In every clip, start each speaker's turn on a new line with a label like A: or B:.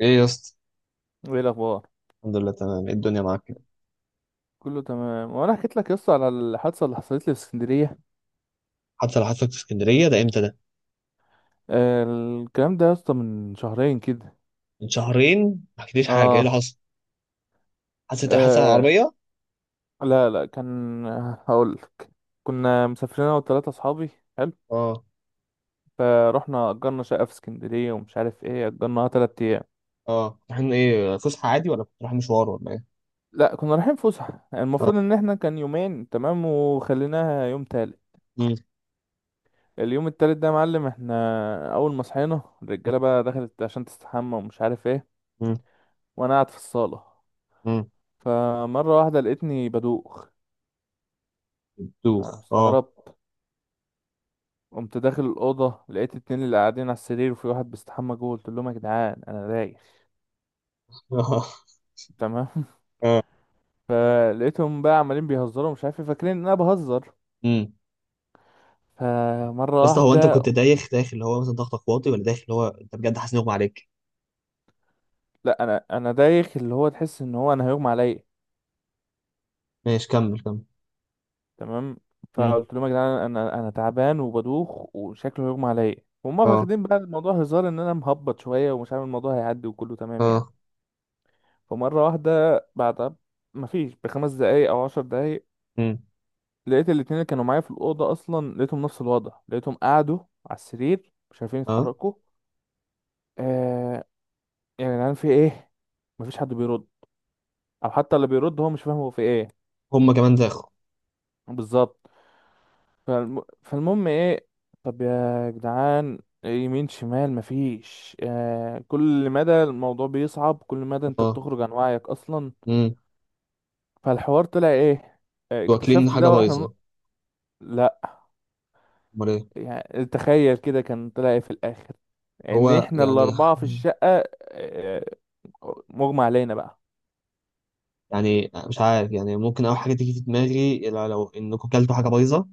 A: ايه يا اسطى.
B: وايه الاخبار،
A: الحمد لله تمام. ايه الدنيا معاك كده؟
B: كله تمام. وانا حكيت لك يا اسطى على الحادثه اللي حصلت لي في اسكندريه.
A: حتى لو حصلت في اسكندريه ده امتى ده؟
B: آه الكلام ده يا اسطى من شهرين كده.
A: من شهرين ما حكيتليش حاجه، ايه اللي
B: آه.
A: حصل؟ حصل على
B: اه.
A: العربيه.
B: لا لا كان، هقول لك. كنا مسافرين انا وثلاثه اصحابي. حلو.
A: اه.
B: فروحنا اجرنا شقه في اسكندريه ومش عارف ايه، اجرناها 3 ايام.
A: اه، رايحين ايه؟ فسحه عادي ولا كنت رايح مشوار ولا ايه؟
B: لا كنا رايحين فسحه،
A: اه.
B: المفروض ان احنا كان يومين تمام وخليناها يوم تالت.
A: امم.
B: اليوم التالت ده يا معلم، احنا اول ما صحينا الرجاله بقى دخلت عشان تستحمى ومش عارف ايه.
A: امم.
B: وانا قاعد في الصاله.
A: امم.
B: فمرة واحدة لقيتني بدوخ.
A: دوخ اه.
B: فاستغربت. قمت داخل الأوضة، لقيت اتنين اللي قاعدين على السرير وفي واحد بيستحمى جوه، قلت لهم يا جدعان أنا رايح.
A: اه.
B: تمام.
A: اه.
B: فلقيتهم بقى عمالين بيهزروا مش عارف إيه، فاكرين إن أنا بهزر.
A: امم. يا
B: فمرة
A: اسطى، هو انت
B: واحدة،
A: كنت دايخ داخل اللي هو مثلا ضغطك واطي، ولا داخل اللي هو انت بجد حاسس ان اغمى عليك؟
B: لا أنا دايخ، اللي هو تحس إن هو أنا هيغمى عليا.
A: ماشي، كمل كمل.
B: تمام.
A: امم.
B: فقلت لهم يا جدعان أنا تعبان وبدوخ وشكله هيغمى عليا. وهم
A: اه.
B: فاخدين بقى الموضوع هزار إن أنا مهبط شوية ومش عامل الموضوع، هيعدي وكله تمام يعني.
A: اه.
B: فمرة واحدة بعد، مفيش بخمس دقايق أو 10 دقايق،
A: امم.
B: لقيت الاتنين اللي كانوا معايا في الأوضة أصلا، لقيتهم نفس الوضع، لقيتهم قعدوا على السرير مش عارفين
A: اه.
B: يتحركوا. آه. يعني يا جدعان في إيه؟ مفيش حد بيرد. أو حتى اللي بيرد هو مش فاهم هو في إيه.
A: هم كمان داخل.
B: بالظبط. فالمهم إيه، طب يا جدعان، يمين شمال مفيش. آه، كل مدى الموضوع بيصعب، كل مدى أنت
A: اه.
B: بتخرج عن وعيك أصلا.
A: امم.
B: فالحوار طلع إيه؟ آه
A: واكلين
B: اكتشفت
A: حاجه
B: ده
A: بايظه؟
B: لا.
A: امال ايه؟
B: يعني تخيل كده، كان طلع إيه في الاخر؟ ان
A: هو
B: احنا
A: يعني،
B: الاربعه في الشقه، آه، مغمى علينا بقى.
A: يعني مش عارف، يعني ممكن اول حاجه تيجي في دماغي لو انكم كلتوا حاجه بايظه،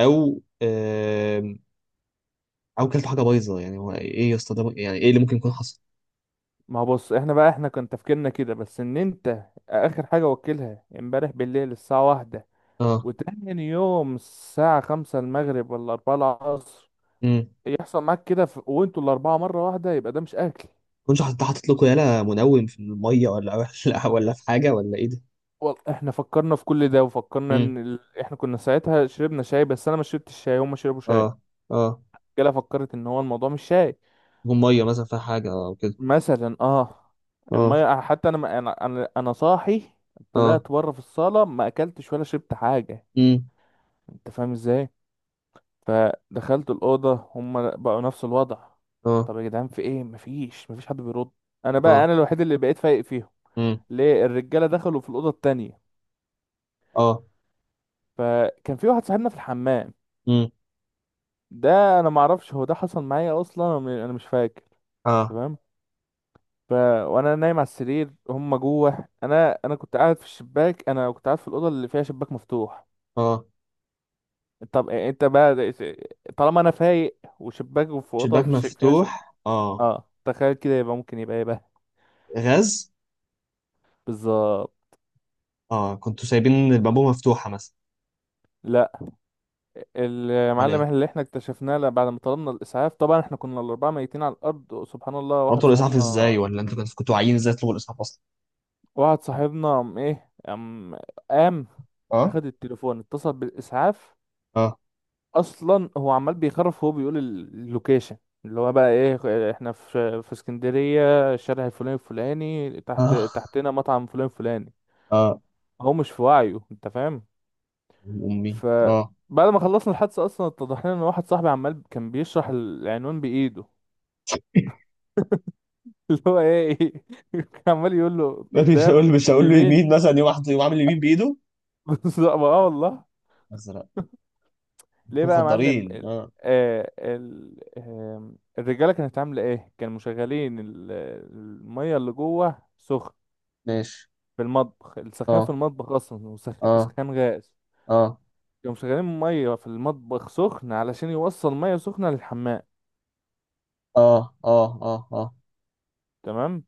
A: او او كلتوا حاجه بايظه. يعني هو ايه يا اسطى ده؟ يعني ايه اللي ممكن يكون حصل؟
B: ما هو بص، احنا بقى احنا كان تفكيرنا كده بس ان انت، اخر حاجه وكلها امبارح بالليل الساعه واحدة.
A: اه.
B: وتاني يوم الساعه خمسة المغرب ولا أربعة العصر.
A: امم.
B: يحصل معاك كده وانتوا الاربعه مره واحده، يبقى ده مش اكل.
A: كنتش حاطط لكم يالا منوم في الميه، ولا ولا في حاجه، ولا ايه ده؟
B: والله احنا فكرنا في كل ده، وفكرنا
A: امم.
B: احنا كنا ساعتها شربنا شاي، بس انا ما شربتش شاي، هما شربوا شاي.
A: اه. اه.
B: كده فكرت ان هو الموضوع مش شاي.
A: يكون ميه مثلا فيها حاجه او كده.
B: مثلا اه.
A: اه.
B: الميه حتى انا ما- انا انا أنا صاحي،
A: اه.
B: طلعت بره في الصاله ما اكلتش ولا شربت حاجه.
A: امم.
B: انت فاهم ازاي. فدخلت الاوضه هم بقوا نفس الوضع.
A: اه.
B: طب يا جدعان في ايه، مفيش حد بيرد. انا بقى
A: اه.
B: الوحيد اللي بقيت فايق فيهم.
A: امم.
B: ليه الرجاله دخلوا في الاوضه التانية.
A: اه.
B: فكان في واحد صاحبنا في الحمام.
A: امم.
B: ده انا ما اعرفش هو ده حصل معايا اصلا، أنا مش فاكر.
A: اه.
B: تمام. ف... وانا نايم على السرير هم جوه، انا كنت قاعد في الشباك، انا كنت قاعد في الاوضه اللي فيها شباك مفتوح.
A: اه،
B: طب إيه، طالما انا فايق وشباك في اوضه
A: شباك مفتوح اه.
B: اه تخيل كده، يبقى ممكن يبقى ايه بقى.
A: غاز.
B: بالظبط.
A: اه، كنتوا سايبين البابو مفتوحه مثلا؟
B: لا
A: امال
B: المعلم
A: ايه؟
B: اللي احنا اكتشفناه، لا، بعد ما طلبنا الاسعاف طبعا، احنا كنا الاربعه ميتين على الارض سبحان الله.
A: طلبتوا الاسعاف ازاي، ولا انتوا كنتوا عايزين ازاي تطلبوا الاسعاف اصلا؟
B: واحد صاحبنا قام ايه، قام
A: اه.
B: اخد التليفون، اتصل بالاسعاف.
A: اه.
B: اصلا هو عمال بيخرف وهو بيقول اللوكيشن، اللي هو بقى ايه، احنا في اسكندريه، الشارع الفلاني الفلاني، تحت
A: اه.
B: تحتنا مطعم فلان فلاني.
A: اه.
B: هو مش في وعيه انت فاهم.
A: امي. اه،
B: فبعد ما خلصنا الحادثه اصلا، اتضح لنا ان واحد صاحبي عمال كان بيشرح العنوان بايده. اللي هو ايه، كان عمال يقول له
A: يا ابني، مش هقول
B: قدام
A: مش هقول له
B: يمين.
A: يمين مثلا يوم واحد، يوم عامل يمين بايده.
B: بالظبط اه والله.
A: ازرق.
B: ليه
A: انتوا
B: بقى يا معلم
A: مخدرين اه؟
B: آه آه، الرجاله كانت عامله ايه، كانوا مشغلين الميه اللي جوه سخن
A: ماشي.
B: في المطبخ. السخان في
A: اه.
B: المطبخ اصلا،
A: اه.
B: وسخان غاز.
A: اه.
B: كانوا مشغلين ميه في المطبخ سخن علشان يوصل ميه سخنه للحمام.
A: اه. اه. اه. اه.
B: تمام.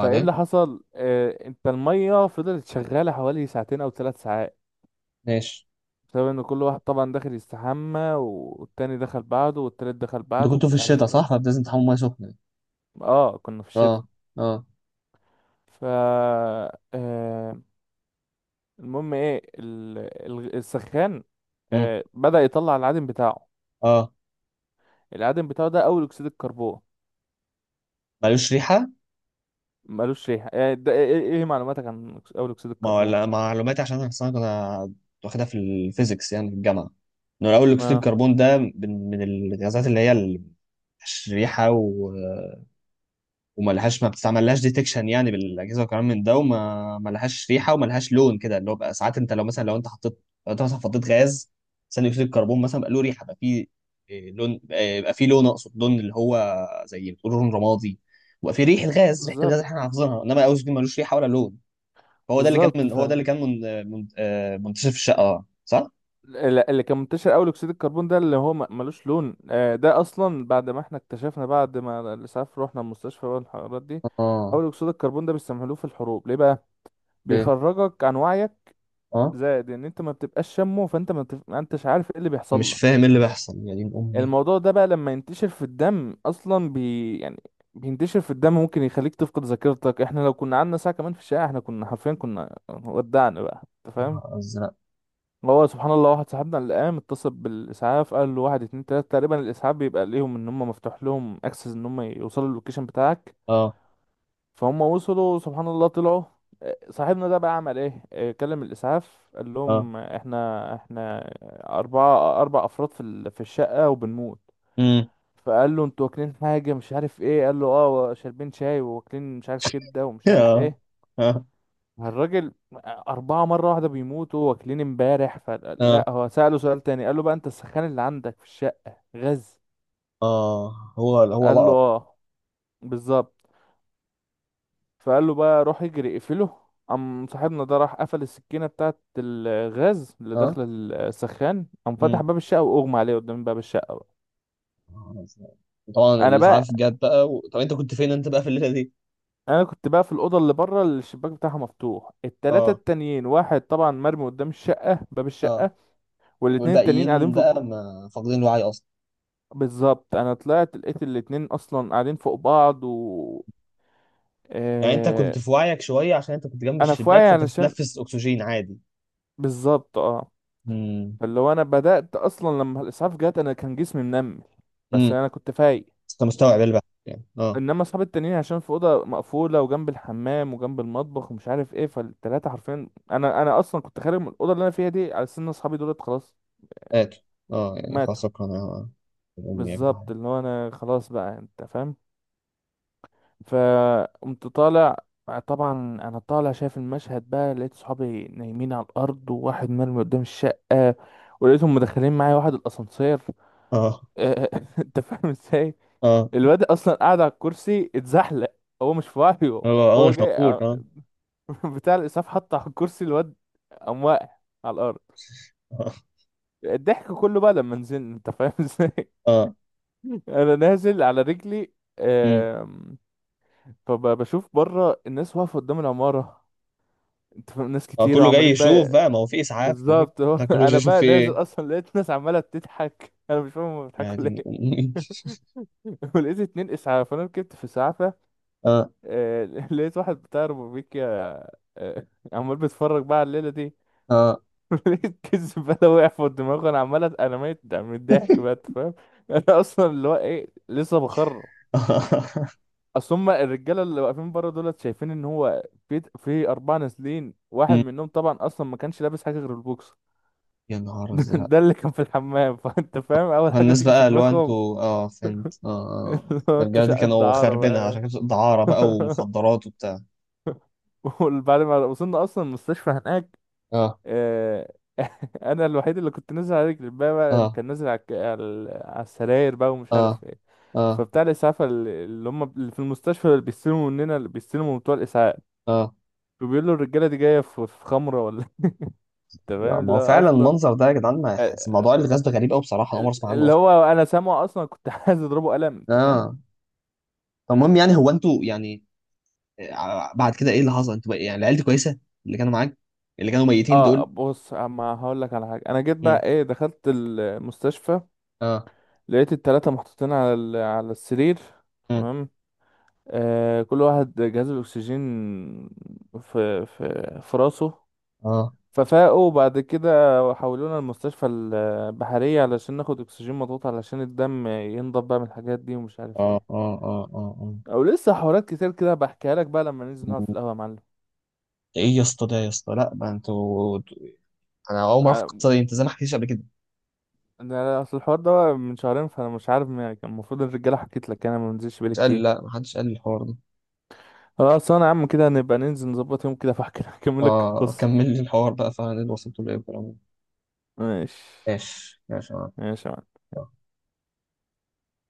B: فايه اللي حصل، آه، انت الميه فضلت شغاله حوالي ساعتين او 3 ساعات،
A: ماشي.
B: بسبب ان كل واحد طبعا داخل يستحمى، والتاني دخل بعده، والتالت دخل
A: انتوا
B: بعده
A: كنتوا في
B: ومش
A: الشتاء
B: عارف
A: صح؟
B: ايه.
A: فلازم تحموا ميه سخنه.
B: اه كنا في الشتاء.
A: اه. اه.
B: ف المهم ايه السخان،
A: امم.
B: آه بدأ يطلع العادم بتاعه.
A: اه.
B: العادم بتاعه ده اول اكسيد الكربون.
A: ملوش ريحه.
B: ملوش ريحة يعني، ده ايه، إيه معلوماتك عن اول اكسيد
A: ما
B: الكربون؟
A: ولا معلوماتي، عشان انا أصلاً كنت واخدها في الفيزيكس يعني في الجامعه، انه الاول اكسيد
B: اه
A: الكربون ده من الغازات اللي هي ريحه وما لهاش، ما بتستعملهاش ديتكشن يعني بالاجهزه وكلام من ده، وما ما لهاش ريحه وما لهاش لون كده، اللي هو بقى ساعات انت لو مثلا، لو انت حطيت، لو انت مثلا حطيت غاز ثاني اكسيد الكربون مثلا بقى له ريحه، بقى فيه لون، بقى فيه لون، اقصد لون اللي هو زي بتقول لون رمادي. وبقى فيه ريحه الغاز، ريحه الغاز
B: بالظبط.
A: اللي احنا حافظينها، انما الاوزيل دي ملوش ريحه ولا لون. هو ده اللي كان
B: بالظبط.
A: من،
B: ف
A: هو ده اللي كان منتشر في الشقه صح؟
B: اللي كان منتشر اول اكسيد الكربون ده اللي هو ملوش لون. آه، ده اصلا بعد ما احنا اكتشفنا، بعد ما الاسعاف رحنا المستشفى بقى والحوارات دي.
A: اه.
B: اول اكسيد الكربون ده بيستعملوه في الحروب، ليه بقى،
A: ليه؟
B: بيخرجك عن وعيك.
A: اه.
B: زائد ان انت ما بتبقاش شامه، فانت ما, بتف... ما انتش عارف ايه اللي بيحصل
A: مش
B: لك.
A: فاهم ايه اللي بيحصل يا دين امي.
B: الموضوع ده بقى لما ينتشر في الدم اصلا يعني بينتشر في الدم ممكن يخليك تفقد ذاكرتك. احنا لو كنا قعدنا ساعة كمان في الشارع، احنا كنا حرفيا كنا ودعنا بقى، انت فاهم.
A: نهار ازرق.
B: هو سبحان الله واحد صاحبنا اللي قام اتصل بالاسعاف، قال له واحد اتنين تلاتة تقريبا، الاسعاف بيبقى ليهم ان هم مفتوح لهم اكسس ان هم يوصلوا اللوكيشن بتاعك.
A: اه.
B: فهم وصلوا سبحان الله طلعوا. آه، صاحبنا ده بقى عمل ايه، آه كلم الاسعاف قال
A: اه.
B: لهم آه، احنا اربعة، اربع افراد في الشقة وبنموت.
A: إمم.
B: فقال له انتوا واكلين حاجة مش عارف ايه، قال له اه شاربين شاي واكلين مش عارف كده ومش عارف
A: اه.
B: ايه.
A: اه.
B: الراجل، أربعة مرة واحدة بيموتوا واكلين امبارح،
A: اه.
B: فلا هو سأله سؤال تاني، قال له بقى انت السخان اللي عندك في الشقة غاز،
A: آه. هو
B: قال له
A: لقط.
B: اه. بالظبط. فقال له بقى روح اجري اقفله. قام صاحبنا ده راح قفل السكينة بتاعت الغاز اللي
A: اه.
B: داخلة السخان. قام فتح
A: امم.
B: باب الشقة وأغمى عليه قدام باب الشقة بقى.
A: طبعا
B: أنا
A: الاسعاف
B: بقى
A: جت بقى طب انت كنت فين انت بقى في الليله دي؟
B: كنت بقى في الأوضة اللي بره اللي الشباك بتاعها مفتوح، التلاتة
A: اه.
B: التانيين، واحد طبعا مرمي قدام الشقة باب
A: اه.
B: الشقة، والاتنين التانيين قاعدين
A: والباقيين بقى ما فاقدين الوعي اصلا.
B: بالظبط أنا طلعت لقيت الاتنين أصلا قاعدين فوق بعض
A: يعني انت
B: آه...
A: كنت في وعيك شويه، عشان انت كنت جنب
B: أنا في
A: الشباك
B: وعي
A: فانت
B: علشان،
A: بتتنفس اكسجين عادي.
B: بالظبط اه.
A: امم.
B: فاللي هو انا بدأت اصلا لما الاسعاف جت، انا كان جسمي منمل، بس
A: امم.
B: انا كنت فايق.
A: انت مستوعب البحث يعني اه؟
B: انما اصحابي التانيين عشان في اوضه مقفوله وجنب الحمام وجنب المطبخ ومش عارف ايه، فالتلاته حرفيا، انا اصلا كنت خارج من الاوضه اللي انا فيها دي، على سن اصحابي دولت خلاص
A: اكل. اه، يعني خلاص
B: ماتوا.
A: شكرا. يا امي يا
B: بالظبط،
A: جدعان.
B: اللي هو انا خلاص بقى انت فاهم. فقمت طالع. طبعا انا طالع شايف المشهد بقى، لقيت صحابي نايمين على الارض وواحد مرمي قدام الشقه. ولقيتهم مدخلين معايا واحد الاسانسير.
A: اه.
B: انت فاهم ازاي،
A: اه.
B: الواد اصلا قاعد على الكرسي اتزحلق، هو مش في وعيه.
A: هو اه
B: هو
A: مش
B: جاي ع-
A: موجود اه.
B: بتاع الاسعاف حط على الكرسي الواد، قام واقع على الارض. الضحك كله بقى لما نزلنا انت فاهم ازاي.
A: اه.
B: انا نازل على رجلي.
A: امم.
B: آم، فبشوف بره الناس واقفه قدام العماره، انت فاهم، ناس
A: اه،
B: كتيره
A: كله جاي
B: وعمالين
A: يشوف
B: بقى.
A: بقى، ما هو في اسعاف وفي
B: بالظبط اهو.
A: بتاع. كله جاي
B: انا
A: يشوف
B: بقى
A: في
B: نازل
A: ايه.
B: اصلا لقيت ناس عماله بتضحك، انا مش فاهم هما
A: يا
B: بيضحكوا
A: دين
B: ليه.
A: امي.
B: ولقيت اتنين اسعاف، انا ركبت في اسعاف.
A: اه.
B: آه، لقيت واحد بتاع روبيكيا آه، عمال بيتفرج بقى على الليلة دي.
A: اه.
B: لقيت كيس بلا وقع في دماغه، انا ميت من الضحك بقى أنت فاهم. انا اصلا اللي هو ايه لسه بخر. اصل هم الرجاله اللي واقفين بره دولت شايفين ان هو في اربعه نازلين، واحد
A: أمم.
B: منهم طبعا اصلا ما كانش لابس حاجه غير البوكس.
A: يا نهار ازرق.
B: ده اللي كان في الحمام. فانت فاهم اول حاجه
A: فالناس
B: تيجي في
A: بقى اللي هو
B: دماغهم.
A: انتوا، اه، فهمت، اه. آه.
B: اللي هو
A: ده
B: انتوا
A: الرجاله دي
B: شقه
A: كانوا
B: دعاره
A: خاربينها، عشان
B: بقى.
A: كانت دعاره بقى ومخدرات وبتاع.
B: وبعد ما وصلنا اصلا المستشفى هناك،
A: اه.
B: آه انا الوحيد اللي كنت نازل على رجلي، الباقي بقى
A: اه.
B: كان نازل على على على السراير بقى ومش
A: اه.
B: عارف ايه.
A: اه.
B: فبتاع الاسعاف اللي هم اللي في المستشفى اللي بيستلموا مننا، اللي بيستلموا بتوع الاسعاف،
A: اه.
B: فبيقول له الرجاله دي جايه في خمره ولا، انت
A: يا،
B: فاهم
A: ما
B: اللي
A: هو
B: هو
A: فعلا
B: اصلا.
A: المنظر ده يا جدعان ما
B: آه،
A: يحس، موضوع الغاز ده غريب قوي بصراحه، انا عمري
B: آه،
A: ما اسمع عنه
B: اللي
A: اصلا.
B: هو انا سامعه اصلا، كنت عايز اضربه قلم انت فاهم.
A: اه. طب المهم يعني هو انتوا يعني، آه، بعد كده ايه اللي حصل انتوا يعني العيال دي كويسه؟ اللي كانوا معاك؟ اللي كانوا ميتين
B: اه
A: دول؟
B: بص، اما هقول لك على حاجه، انا جيت
A: مم.
B: بقى ايه دخلت المستشفى،
A: اه.
B: لقيت التلاته محطوطين على على السرير.
A: مم.
B: تمام. آه، كل واحد جهاز الأكسجين في راسه.
A: اه.
B: ففاقوا وبعد كده حولونا المستشفى البحرية علشان ناخد أكسجين مضغوط علشان الدم ينضب بقى من الحاجات دي ومش عارف
A: اه.
B: ايه.
A: اه. اه. اه. اه.
B: أو لسه حوارات كتير كده بحكيها لك بقى لما ننزل نقعد في القهوة يا معلم.
A: ايه يا اسطى ده يا اسطى؟ لا، ما انتوا، انا اول ما اعرف
B: ع-
A: القصه دي، انت زي ما حكيتش قبل كده.
B: أنا أصل الحوار ده بقى من شهرين، فأنا مش عارف يعني كان المفروض الرجالة حكيت لك، أنا ما بنزلش بقالي
A: مش قال لي،
B: كتير.
A: لا، ما حدش قال لي الحوار ده.
B: خلاص أنا يا عم كده نبقى ننزل نظبط يوم كده فأحكي أكمل لك
A: اه،
B: القصة.
A: كمل لي الحوار بقى فعلا، اللي وصلت له ايه والكلام ده.
B: ماشي
A: ماشي ماشي.
B: ماشي يا معلم.
A: آه.